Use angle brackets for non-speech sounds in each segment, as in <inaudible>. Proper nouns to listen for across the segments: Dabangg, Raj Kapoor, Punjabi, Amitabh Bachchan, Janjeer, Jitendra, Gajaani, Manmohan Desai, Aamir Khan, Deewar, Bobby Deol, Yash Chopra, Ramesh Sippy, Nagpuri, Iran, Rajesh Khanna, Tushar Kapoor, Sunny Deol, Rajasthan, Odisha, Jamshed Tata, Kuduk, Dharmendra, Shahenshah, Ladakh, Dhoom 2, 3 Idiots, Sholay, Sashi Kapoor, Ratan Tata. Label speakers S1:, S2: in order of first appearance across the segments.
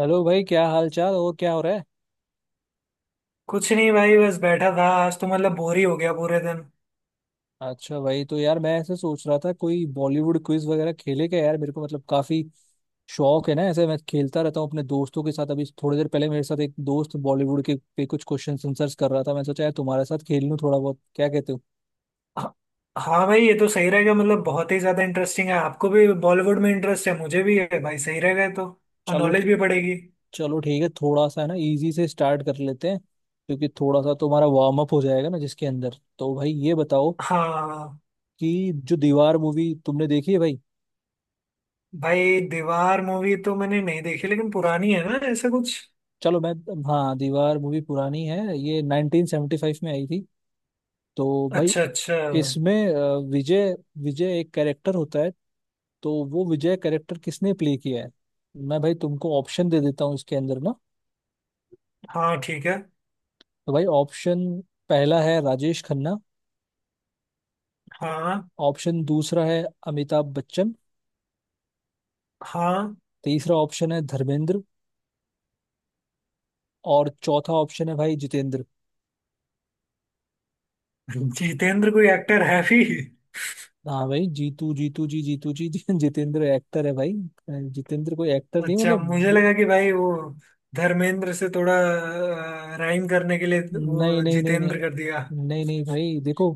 S1: Hello भाई, क्या हाल चाल और क्या हो रहा है?
S2: कुछ नहीं भाई, बस बैठा था। आज तो मतलब बोर ही हो गया पूरे दिन।
S1: अच्छा भाई, तो यार मैं ऐसे सोच रहा था कोई बॉलीवुड क्विज वगैरह खेले क्या यार। मेरे को मतलब काफी शौक है ना, ऐसे मैं खेलता रहता हूँ अपने दोस्तों के साथ। अभी थोड़ी देर पहले मेरे साथ एक दोस्त बॉलीवुड के पे कुछ क्वेश्चन आंसर्स कर रहा था। मैं सोचा यार तुम्हारे साथ खेल लूँ थोड़ा बहुत। क्या कहते हो?
S2: ह- हाँ भाई, ये तो सही रहेगा। मतलब बहुत ही ज्यादा इंटरेस्टिंग है। आपको भी बॉलीवुड में इंटरेस्ट है, मुझे भी है। भाई सही रहेगा ये तो। और
S1: चलो
S2: नॉलेज
S1: ठीक।
S2: भी बढ़ेगी।
S1: चलो ठीक है, थोड़ा सा है ना इजी से स्टार्ट कर लेते हैं, क्योंकि थोड़ा सा तुम्हारा वार्म अप हो जाएगा ना जिसके अंदर। तो भाई ये बताओ
S2: हाँ।
S1: कि जो दीवार मूवी तुमने देखी है भाई।
S2: भाई दीवार मूवी तो मैंने नहीं देखी, लेकिन पुरानी है ना, ऐसा कुछ।
S1: चलो मैं। हाँ, दीवार मूवी पुरानी है, ये 1975 में आई थी। तो भाई
S2: अच्छा अच्छा।
S1: इसमें विजय विजय एक कैरेक्टर होता है। तो वो विजय कैरेक्टर किसने प्ले किया है? मैं भाई तुमको ऑप्शन दे देता हूँ इसके अंदर ना।
S2: हाँ, ठीक है।
S1: तो भाई ऑप्शन पहला है राजेश खन्ना।
S2: हाँ।
S1: ऑप्शन दूसरा है अमिताभ बच्चन।
S2: हाँ,
S1: तीसरा ऑप्शन है धर्मेंद्र। और चौथा ऑप्शन है भाई जितेंद्र।
S2: जितेंद्र कोई एक्टर है भी?
S1: हाँ भाई, जीतू जीतू जी <laughs> जितेंद्र एक्टर है भाई। जितेंद्र कोई एक्टर नहीं,
S2: अच्छा, मुझे
S1: मतलब
S2: लगा कि भाई वो धर्मेंद्र से थोड़ा राइम करने के लिए
S1: नहीं
S2: वो
S1: नहीं नहीं, नहीं
S2: जितेंद्र कर दिया।
S1: नहीं नहीं भाई, देखो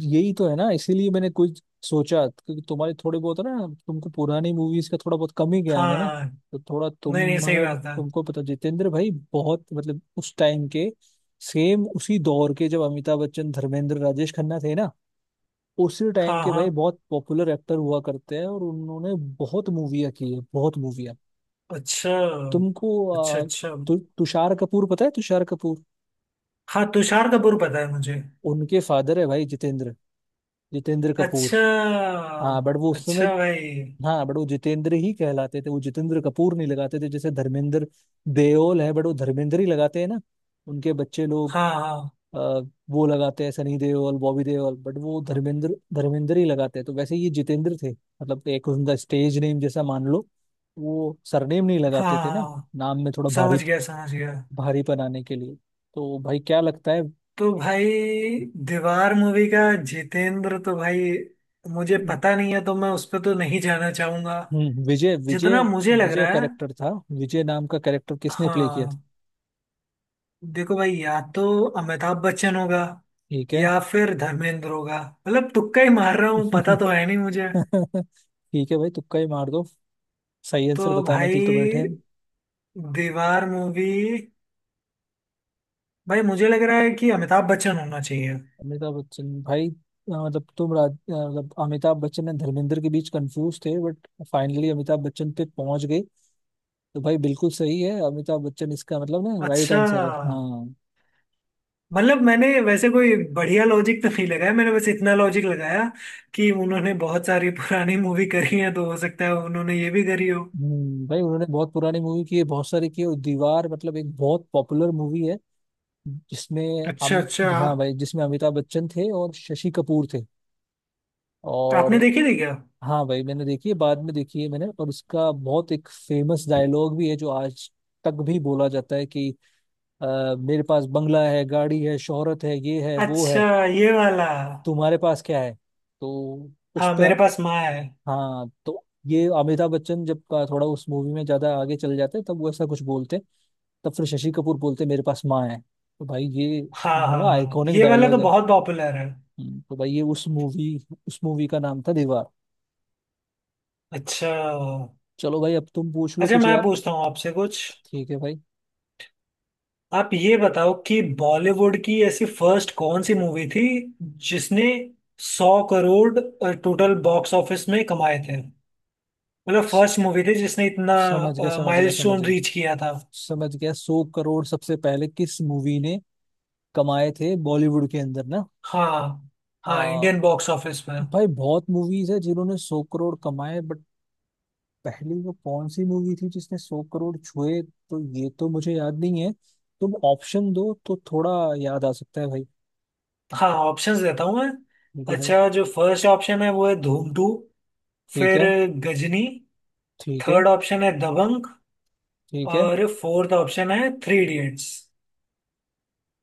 S1: यही तो है ना। इसीलिए मैंने कुछ सोचा, क्योंकि तुम्हारे थोड़े बहुत है ना, तुमको पुरानी मूवीज का थोड़ा बहुत कम ही ज्ञान है ना।
S2: हाँ।
S1: तो थोड़ा
S2: नहीं नहीं, सही
S1: तुम्हारा,
S2: बात है।
S1: तुमको पता, जितेंद्र भाई बहुत मतलब उस टाइम के, सेम उसी दौर के जब अमिताभ बच्चन, धर्मेंद्र, राजेश खन्ना थे ना, उसी टाइम
S2: हाँ
S1: के भाई
S2: हाँ।
S1: बहुत पॉपुलर एक्टर हुआ करते हैं, और उन्होंने बहुत मूवियाँ की है, बहुत मूवियाँ।
S2: अच्छा
S1: तुमको
S2: अच्छा अच्छा।
S1: तुषार कपूर पता है? तुषार कपूर
S2: हाँ, तुषार कपूर पता है मुझे।
S1: उनके फादर है भाई जितेंद्र, जितेंद्र कपूर।
S2: अच्छा।
S1: हाँ बट वो उस समय,
S2: अच्छा भाई।
S1: हाँ बट वो जितेंद्र ही कहलाते थे, वो जितेंद्र कपूर नहीं लगाते थे। जैसे धर्मेंद्र देओल है बट वो धर्मेंद्र ही लगाते हैं ना। उनके बच्चे लोग
S2: हाँ हाँ
S1: अ, वो लगाते हैं, सनी देओल, बॉबी देओल, बट वो धर्मेंद्र, धर्मेंद्र ही लगाते हैं। तो वैसे ये जितेंद्र थे, मतलब एक उनका स्टेज नेम जैसा मान लो। वो सरनेम नहीं
S2: हाँ
S1: लगाते थे ना,
S2: हाँ।
S1: नाम में थोड़ा भारी,
S2: समझ गया समझ गया।
S1: भारीपन आने के लिए। तो भाई क्या लगता है?
S2: तो भाई दीवार मूवी का जितेंद्र, तो भाई मुझे पता नहीं है, तो मैं उस पर तो नहीं जाना चाहूंगा।
S1: विजय,
S2: जितना
S1: विजय।
S2: मुझे लग
S1: विजय
S2: रहा है।
S1: कैरेक्टर था। विजय नाम का कैरेक्टर किसने प्ले किया था?
S2: हाँ। देखो भाई, या तो अमिताभ बच्चन होगा,
S1: ठीक है।
S2: या फिर धर्मेंद्र होगा। मतलब तुक्का ही मार रहा हूँ, पता तो
S1: <laughs>
S2: है नहीं मुझे।
S1: ठीक है भाई, तुक्का ही मार दो। सही
S2: तो
S1: आंसर बताने के लिए तो बैठे हैं।
S2: भाई दीवार मूवी, भाई मुझे लग रहा है कि अमिताभ बच्चन होना चाहिए।
S1: अमिताभ बच्चन भाई, मतलब तुम राज मतलब अमिताभ बच्चन और धर्मेंद्र के बीच कंफ्यूज थे बट फाइनली अमिताभ बच्चन पे पहुंच गए। तो भाई बिल्कुल सही है, अमिताभ बच्चन। इसका मतलब ना राइट
S2: अच्छा,
S1: आंसर है। हाँ,
S2: मतलब मैंने वैसे कोई बढ़िया लॉजिक तो नहीं लगाया। मैंने बस इतना लॉजिक लगाया कि उन्होंने बहुत सारी पुरानी मूवी करी है, तो हो सकता है उन्होंने ये भी करी हो।
S1: भाई, उन्होंने बहुत पुरानी मूवी की है, बहुत सारी की है। और दीवार मतलब एक बहुत पॉपुलर मूवी है, जिसमें
S2: अच्छा
S1: अम
S2: अच्छा।
S1: हाँ भाई, जिसमें अमिताभ बच्चन थे और शशि कपूर थे।
S2: आपने
S1: और
S2: देखी थी क्या?
S1: हाँ भाई मैंने देखी है, बाद में देखी है मैंने। और उसका बहुत एक फेमस डायलॉग भी है जो आज तक भी बोला जाता है कि मेरे पास बंगला है, गाड़ी है, शोहरत है, ये है, वो
S2: अच्छा,
S1: है,
S2: ये वाला।
S1: तुम्हारे पास क्या है? तो उस
S2: हाँ,
S1: पे,
S2: मेरे पास माँ है।
S1: हाँ, तो ये अमिताभ बच्चन जब का, थोड़ा उस मूवी में ज्यादा आगे चले जाते हैं, तब वो ऐसा कुछ बोलते हैं। तब फिर शशि कपूर बोलते हैं, मेरे पास माँ है। तो भाई ये
S2: हाँ हाँ
S1: बड़ा
S2: हाँ,
S1: आइकॉनिक
S2: ये वाला तो
S1: डायलॉग है।
S2: बहुत पॉपुलर है।
S1: तो भाई ये उस मूवी, उस मूवी का नाम था दीवार।
S2: अच्छा।
S1: चलो भाई, अब तुम पूछ लो
S2: अच्छा,
S1: कुछ
S2: मैं
S1: यार।
S2: पूछता हूँ आपसे कुछ।
S1: ठीक है भाई।
S2: आप ये बताओ कि बॉलीवुड की ऐसी फर्स्ट कौन सी मूवी थी जिसने सौ करोड़ टोटल बॉक्स ऑफिस में कमाए थे। मतलब फर्स्ट मूवी थी जिसने इतना
S1: समझ गया समझ गया समझ
S2: माइलस्टोन
S1: गया
S2: रीच किया था।
S1: समझ गया। सौ करोड़ सबसे पहले किस मूवी ने कमाए थे बॉलीवुड के अंदर ना।
S2: हाँ। हाँ,
S1: आ,
S2: इंडियन बॉक्स ऑफिस में।
S1: भाई बहुत मूवीज है जिन्होंने सौ करोड़ कमाए बट पहली वो कौन सी मूवी थी जिसने सौ करोड़ छुए, तो ये तो मुझे याद नहीं है। तुम ऑप्शन दो तो थोड़ा याद आ सकता है भाई।
S2: हाँ, ऑप्शंस देता हूँ
S1: ठीक
S2: मैं।
S1: है भाई।
S2: अच्छा, जो फर्स्ट ऑप्शन है वो है धूम टू।
S1: ठीक
S2: फिर
S1: है।
S2: गजनी।
S1: ठीक है।
S2: थर्ड ऑप्शन है दबंग।
S1: ठीक है।
S2: और फोर्थ ऑप्शन है Three Idiots.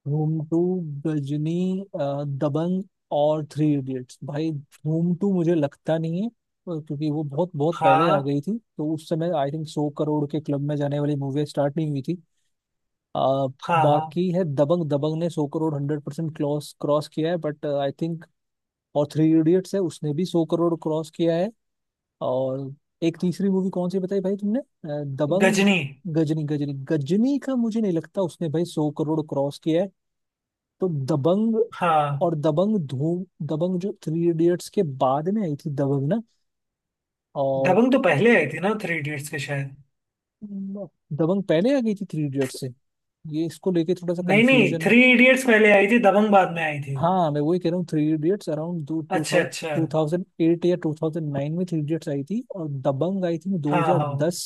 S1: Dhoom two, Ghazni, दबंग और थ्री इडियट्स। भाई धूम टू मुझे लगता नहीं है, क्योंकि वो बहुत बहुत पहले आ
S2: हाँ।
S1: गई थी, तो उस समय आई थिंक सौ करोड़ के क्लब में जाने वाली मूवी स्टार्ट नहीं हुई थी। अ,
S2: हाँ। हाँ,
S1: बाकी है दबंग। दबंग ने सौ crore hundred percent cross cross किया है, बट आई थिंक। और थ्री इडियट्स है, उसने भी सौ करोड़ क्रॉस किया है। और एक तीसरी मूवी कौन सी बताई भाई तुमने, दबंग,
S2: गजनी।
S1: गजनी। गजनी, गजनी का मुझे नहीं लगता उसने भाई सौ करोड़ क्रॉस किया है। तो दबंग,
S2: हाँ,
S1: और दबंग, धूम, दबंग जो थ्री इडियट्स के बाद में आई थी दबंग ना। और
S2: दबंग तो पहले आई थी ना थ्री इडियट्स के, शायद।
S1: दबंग पहले आ गई थी थ्री इडियट्स से, ये इसको लेके थोड़ा सा
S2: नहीं नहीं,
S1: कंफ्यूजन है।
S2: थ्री इडियट्स पहले आई थी, दबंग बाद में आई थी।
S1: हाँ, मैं वही कह रहा हूँ, थ्री इडियट्स अराउंड टू
S2: अच्छा
S1: थाउजेंड,
S2: अच्छा।
S1: टू थाउजेंड एट या टू थाउजेंड नाइन में थ्री इडियट्स आई थी और दबंग आई थी दो
S2: हाँ
S1: हजार
S2: हाँ।
S1: दस,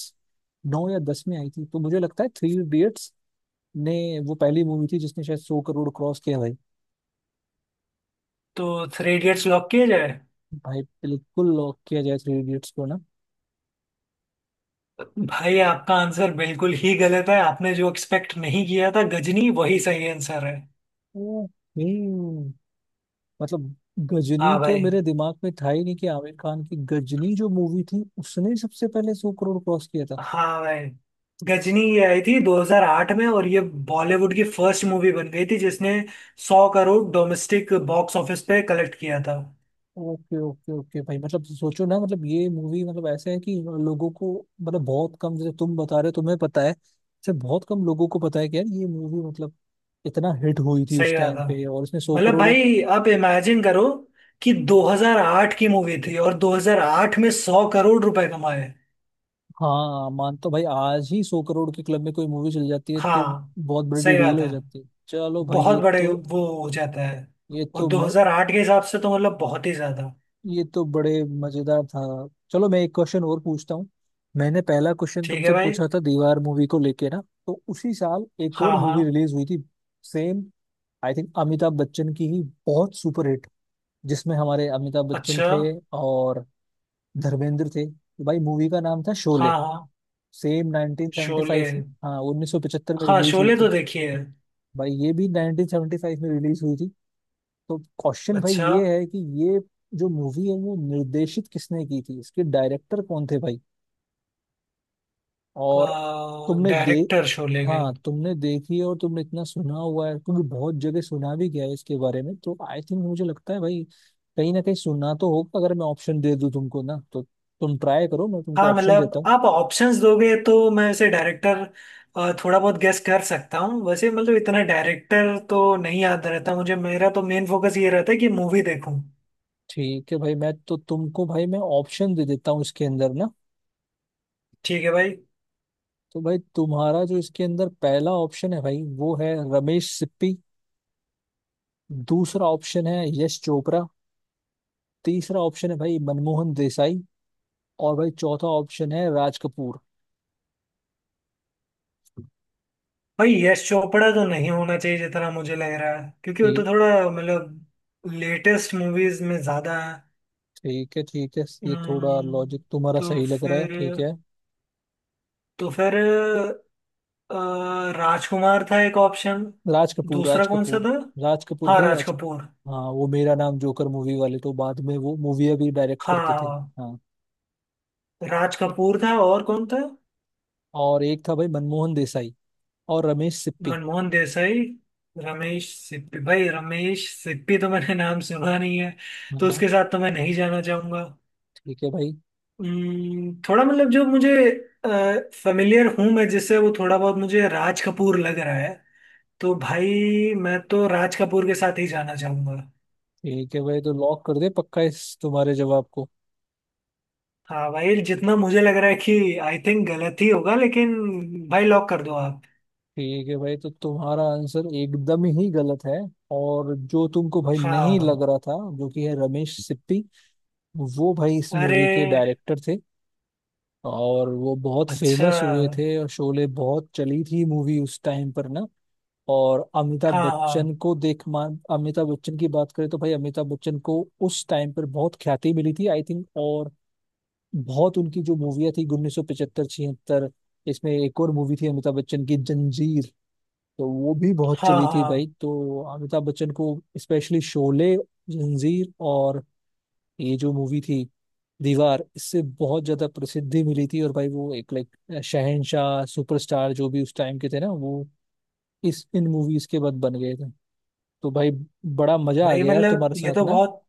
S1: नौ या दस में आई थी। तो मुझे लगता है थ्री इडियट्स ने, वो पहली मूवी थी जिसने शायद सौ करोड़ क्रॉस किया भाई।
S2: तो थ्री इडियट्स लॉक किया जाए।
S1: भाई बिल्कुल लॉक किया जाए थ्री इडियट्स को ना।
S2: भाई आपका आंसर बिल्कुल ही गलत है, आपने जो एक्सपेक्ट नहीं किया था, गजनी वही सही आंसर है।
S1: ओके। मतलब गजनी
S2: हाँ
S1: तो
S2: भाई।
S1: मेरे दिमाग में था ही नहीं कि आमिर खान की गजनी जो मूवी थी उसने सबसे पहले सौ करोड़ क्रॉस किया था।
S2: हाँ भाई, गजनी ये आई थी 2008 में, और ये बॉलीवुड की फर्स्ट मूवी बन गई थी जिसने 100 करोड़ डोमेस्टिक बॉक्स ऑफिस पे कलेक्ट किया था।
S1: ओके ओके ओके भाई, मतलब सोचो ना, मतलब ये मूवी, मतलब ऐसा है कि लोगों को मतलब बहुत कम, जैसे तुम बता रहे हो तुम्हें पता है, जैसे बहुत कम लोगों को पता है कि यार ये मूवी मतलब इतना हिट हुई थी उस
S2: सही बात
S1: टाइम
S2: था।
S1: पे और इसने सौ
S2: मतलब
S1: करोड़।
S2: भाई आप इमेजिन करो कि 2008 की मूवी थी, और 2008 में 100 करोड़ रुपए कमाए।
S1: हाँ मान, तो भाई आज ही सौ करोड़ के क्लब में कोई मूवी चल जाती है तो
S2: हाँ,
S1: बहुत बड़ी
S2: सही
S1: डील
S2: बात
S1: हो
S2: है।
S1: जाती है। चलो भाई,
S2: बहुत
S1: ये
S2: बड़े
S1: तो
S2: वो हो जाता है।
S1: ये
S2: और
S1: तो म-
S2: 2008 के हिसाब से तो मतलब बहुत ही ज्यादा।
S1: ये तो बड़े मजेदार था। चलो मैं एक क्वेश्चन और पूछता हूँ। मैंने पहला क्वेश्चन
S2: ठीक है
S1: तुमसे
S2: भाई।
S1: पूछा था दीवार मूवी को लेके ना। तो उसी साल एक और
S2: हाँ
S1: मूवी
S2: हाँ।
S1: रिलीज हुई थी, same I think Amitabh Bachchan की ही, बहुत सुपरहिट, जिसमें हमारे अमिताभ बच्चन
S2: अच्छा।
S1: थे और धर्मेंद्र थे। तो भाई मूवी का नाम था शोले।
S2: हाँ हाँ,
S1: सेम 1975
S2: शोले।
S1: में, हाँ 1975 में
S2: हाँ,
S1: रिलीज हुई
S2: शोले तो
S1: थी।
S2: देखी है।
S1: भाई ये भी 1975 में रिलीज हुई थी। तो क्वेश्चन भाई
S2: अच्छा,
S1: ये है कि ये जो मूवी है वो निर्देशित किसने की थी, इसके डायरेक्टर कौन थे भाई? और तुमने दे,
S2: डायरेक्टर शोले के?
S1: हाँ तुमने देखी है और तुमने इतना सुना हुआ है, क्योंकि बहुत जगह सुना भी गया है इसके बारे में, तो आई थिंक मुझे लगता है भाई कहीं ना कहीं सुनना तो होगा। अगर मैं ऑप्शन दे दूं तुमको ना, तो तुम ट्राई करो। मैं तुमको
S2: हाँ,
S1: ऑप्शन देता
S2: मतलब
S1: हूँ।
S2: आप ऑप्शंस दोगे तो मैं ऐसे डायरेक्टर थोड़ा बहुत गेस कर सकता हूँ। वैसे मतलब इतना डायरेक्टर तो नहीं याद रहता मुझे, मेरा तो मेन फोकस ये रहता है कि मूवी देखूँ।
S1: ठीक है भाई, मैं तो तुमको भाई मैं ऑप्शन दे देता हूँ इसके अंदर ना।
S2: ठीक है भाई।
S1: तो भाई तुम्हारा जो इसके अंदर पहला ऑप्शन है भाई, वो है रमेश सिप्पी। दूसरा ऑप्शन है यश चोपड़ा। तीसरा ऑप्शन है भाई मनमोहन देसाई। और भाई चौथा ऑप्शन है राज कपूर।
S2: भाई यश चोपड़ा तो नहीं होना चाहिए जितना मुझे लग रहा है, क्योंकि वो तो
S1: ठीक।
S2: थोड़ा मतलब लेटेस्ट मूवीज में ज्यादा है।
S1: ठीक है, ठीक है, ये थोड़ा लॉजिक
S2: हम्म,
S1: तुम्हारा
S2: तो
S1: सही लग रहा है। ठीक
S2: फिर
S1: है।
S2: तो फिर अ, राजकुमार था एक ऑप्शन।
S1: राज कपूर
S2: दूसरा
S1: राज
S2: कौन सा
S1: कपूर
S2: था?
S1: राज कपूर
S2: हाँ,
S1: भाई
S2: राज
S1: राज
S2: कपूर।
S1: हाँ, वो मेरा नाम जोकर मूवी वाले, तो बाद में वो मूवी भी डायरेक्ट करते थे
S2: हाँ,
S1: हाँ।
S2: राज कपूर था, और कौन था?
S1: और एक था भाई मनमोहन देसाई, और रमेश सिप्पी।
S2: मनमोहन देसाई, रमेश सिप्पी। भाई रमेश सिप्पी तो मैंने नाम सुना नहीं है, तो
S1: हाँ,
S2: उसके साथ तो मैं नहीं जाना चाहूंगा।
S1: ठीक है भाई।
S2: थोड़ा मतलब जो मुझे फेमिलियर हूं मैं जिससे, वो थोड़ा बहुत मुझे राज कपूर लग रहा है। तो भाई मैं तो राज कपूर के साथ ही जाना चाहूंगा।
S1: ठीक है भाई, तो लॉक कर दे पक्का इस तुम्हारे जवाब को।
S2: हाँ भाई, जितना मुझे लग रहा है कि आई थिंक गलत ही होगा, लेकिन भाई लॉक कर दो आप।
S1: ठीक है भाई, तो तुम्हारा आंसर एकदम ही गलत है। और जो तुमको भाई नहीं
S2: हाँ।
S1: लग रहा था, जो कि है रमेश सिप्पी, वो भाई इस
S2: अरे।
S1: मूवी के डायरेक्टर थे। और वो बहुत
S2: अच्छा।
S1: फेमस हुए थे और शोले बहुत चली थी मूवी उस टाइम पर ना। और अमिताभ
S2: हाँ हाँ
S1: बच्चन को देख मान, अमिताभ बच्चन की बात करें तो भाई अमिताभ बच्चन को उस टाइम पर बहुत ख्याति मिली थी आई थिंक। और बहुत उनकी जो मूवियाँ थी उन्नीस सौ पचहत्तर, छिहत्तर, इसमें एक और मूवी थी अमिताभ बच्चन की जंजीर। तो वो भी बहुत
S2: हाँ
S1: चली थी भाई।
S2: हाँ
S1: तो अमिताभ बच्चन को स्पेशली शोले, जंजीर और ये जो मूवी थी दीवार, इससे बहुत ज्यादा प्रसिद्धि मिली थी। और भाई वो एक लाइक शहनशाह, सुपरस्टार, जो भी उस टाइम के थे ना, वो इस, इन मूवीज के बाद बन गए थे। तो भाई बड़ा मजा आ
S2: भाई,
S1: गया यार
S2: मतलब
S1: तुम्हारे
S2: ये
S1: साथ
S2: तो
S1: ना।
S2: बहुत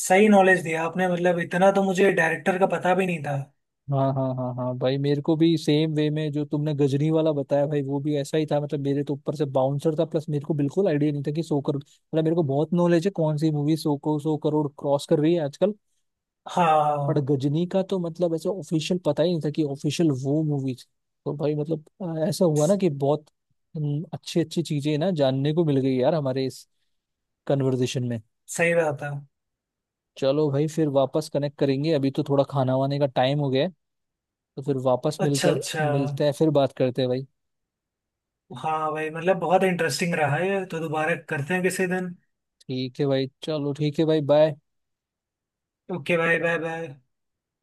S2: सही नॉलेज दिया आपने, मतलब इतना तो मुझे डायरेक्टर का पता भी नहीं था।
S1: हाँ हाँ हाँ हाँ भाई, मेरे को भी सेम वे में जो तुमने गजनी वाला बताया भाई वो भी ऐसा ही था। मतलब मेरे तो ऊपर से बाउंसर था, प्लस मेरे को बिल्कुल आइडिया नहीं था कि सौ करोड़, मतलब मेरे को बहुत नॉलेज है कौन सी मूवी सौ को सौ करोड़ क्रॉस कर रही है आजकल। बट
S2: हाँ।
S1: गजनी का तो मतलब ऐसे ऑफिशियल पता ही नहीं था कि ऑफिशियल वो मूवी थी। तो भाई मतलब ऐसा हुआ ना
S2: स-
S1: कि बहुत अच्छी अच्छी चीजें ना जानने को मिल गई यार हमारे इस कन्वर्जेशन में।
S2: सही बात है।
S1: चलो भाई फिर वापस कनेक्ट करेंगे, अभी तो थोड़ा खाना वाने का टाइम हो गया है। तो फिर वापस
S2: अच्छा
S1: मिलकर
S2: अच्छा।
S1: मिलते हैं, फिर बात करते हैं भाई।
S2: हाँ भाई मतलब बहुत इंटरेस्टिंग रहा है ये तो, दोबारा करते हैं किसी दिन।
S1: ठीक है भाई, चलो ठीक है भाई, bye.
S2: Okay, bye bye bye.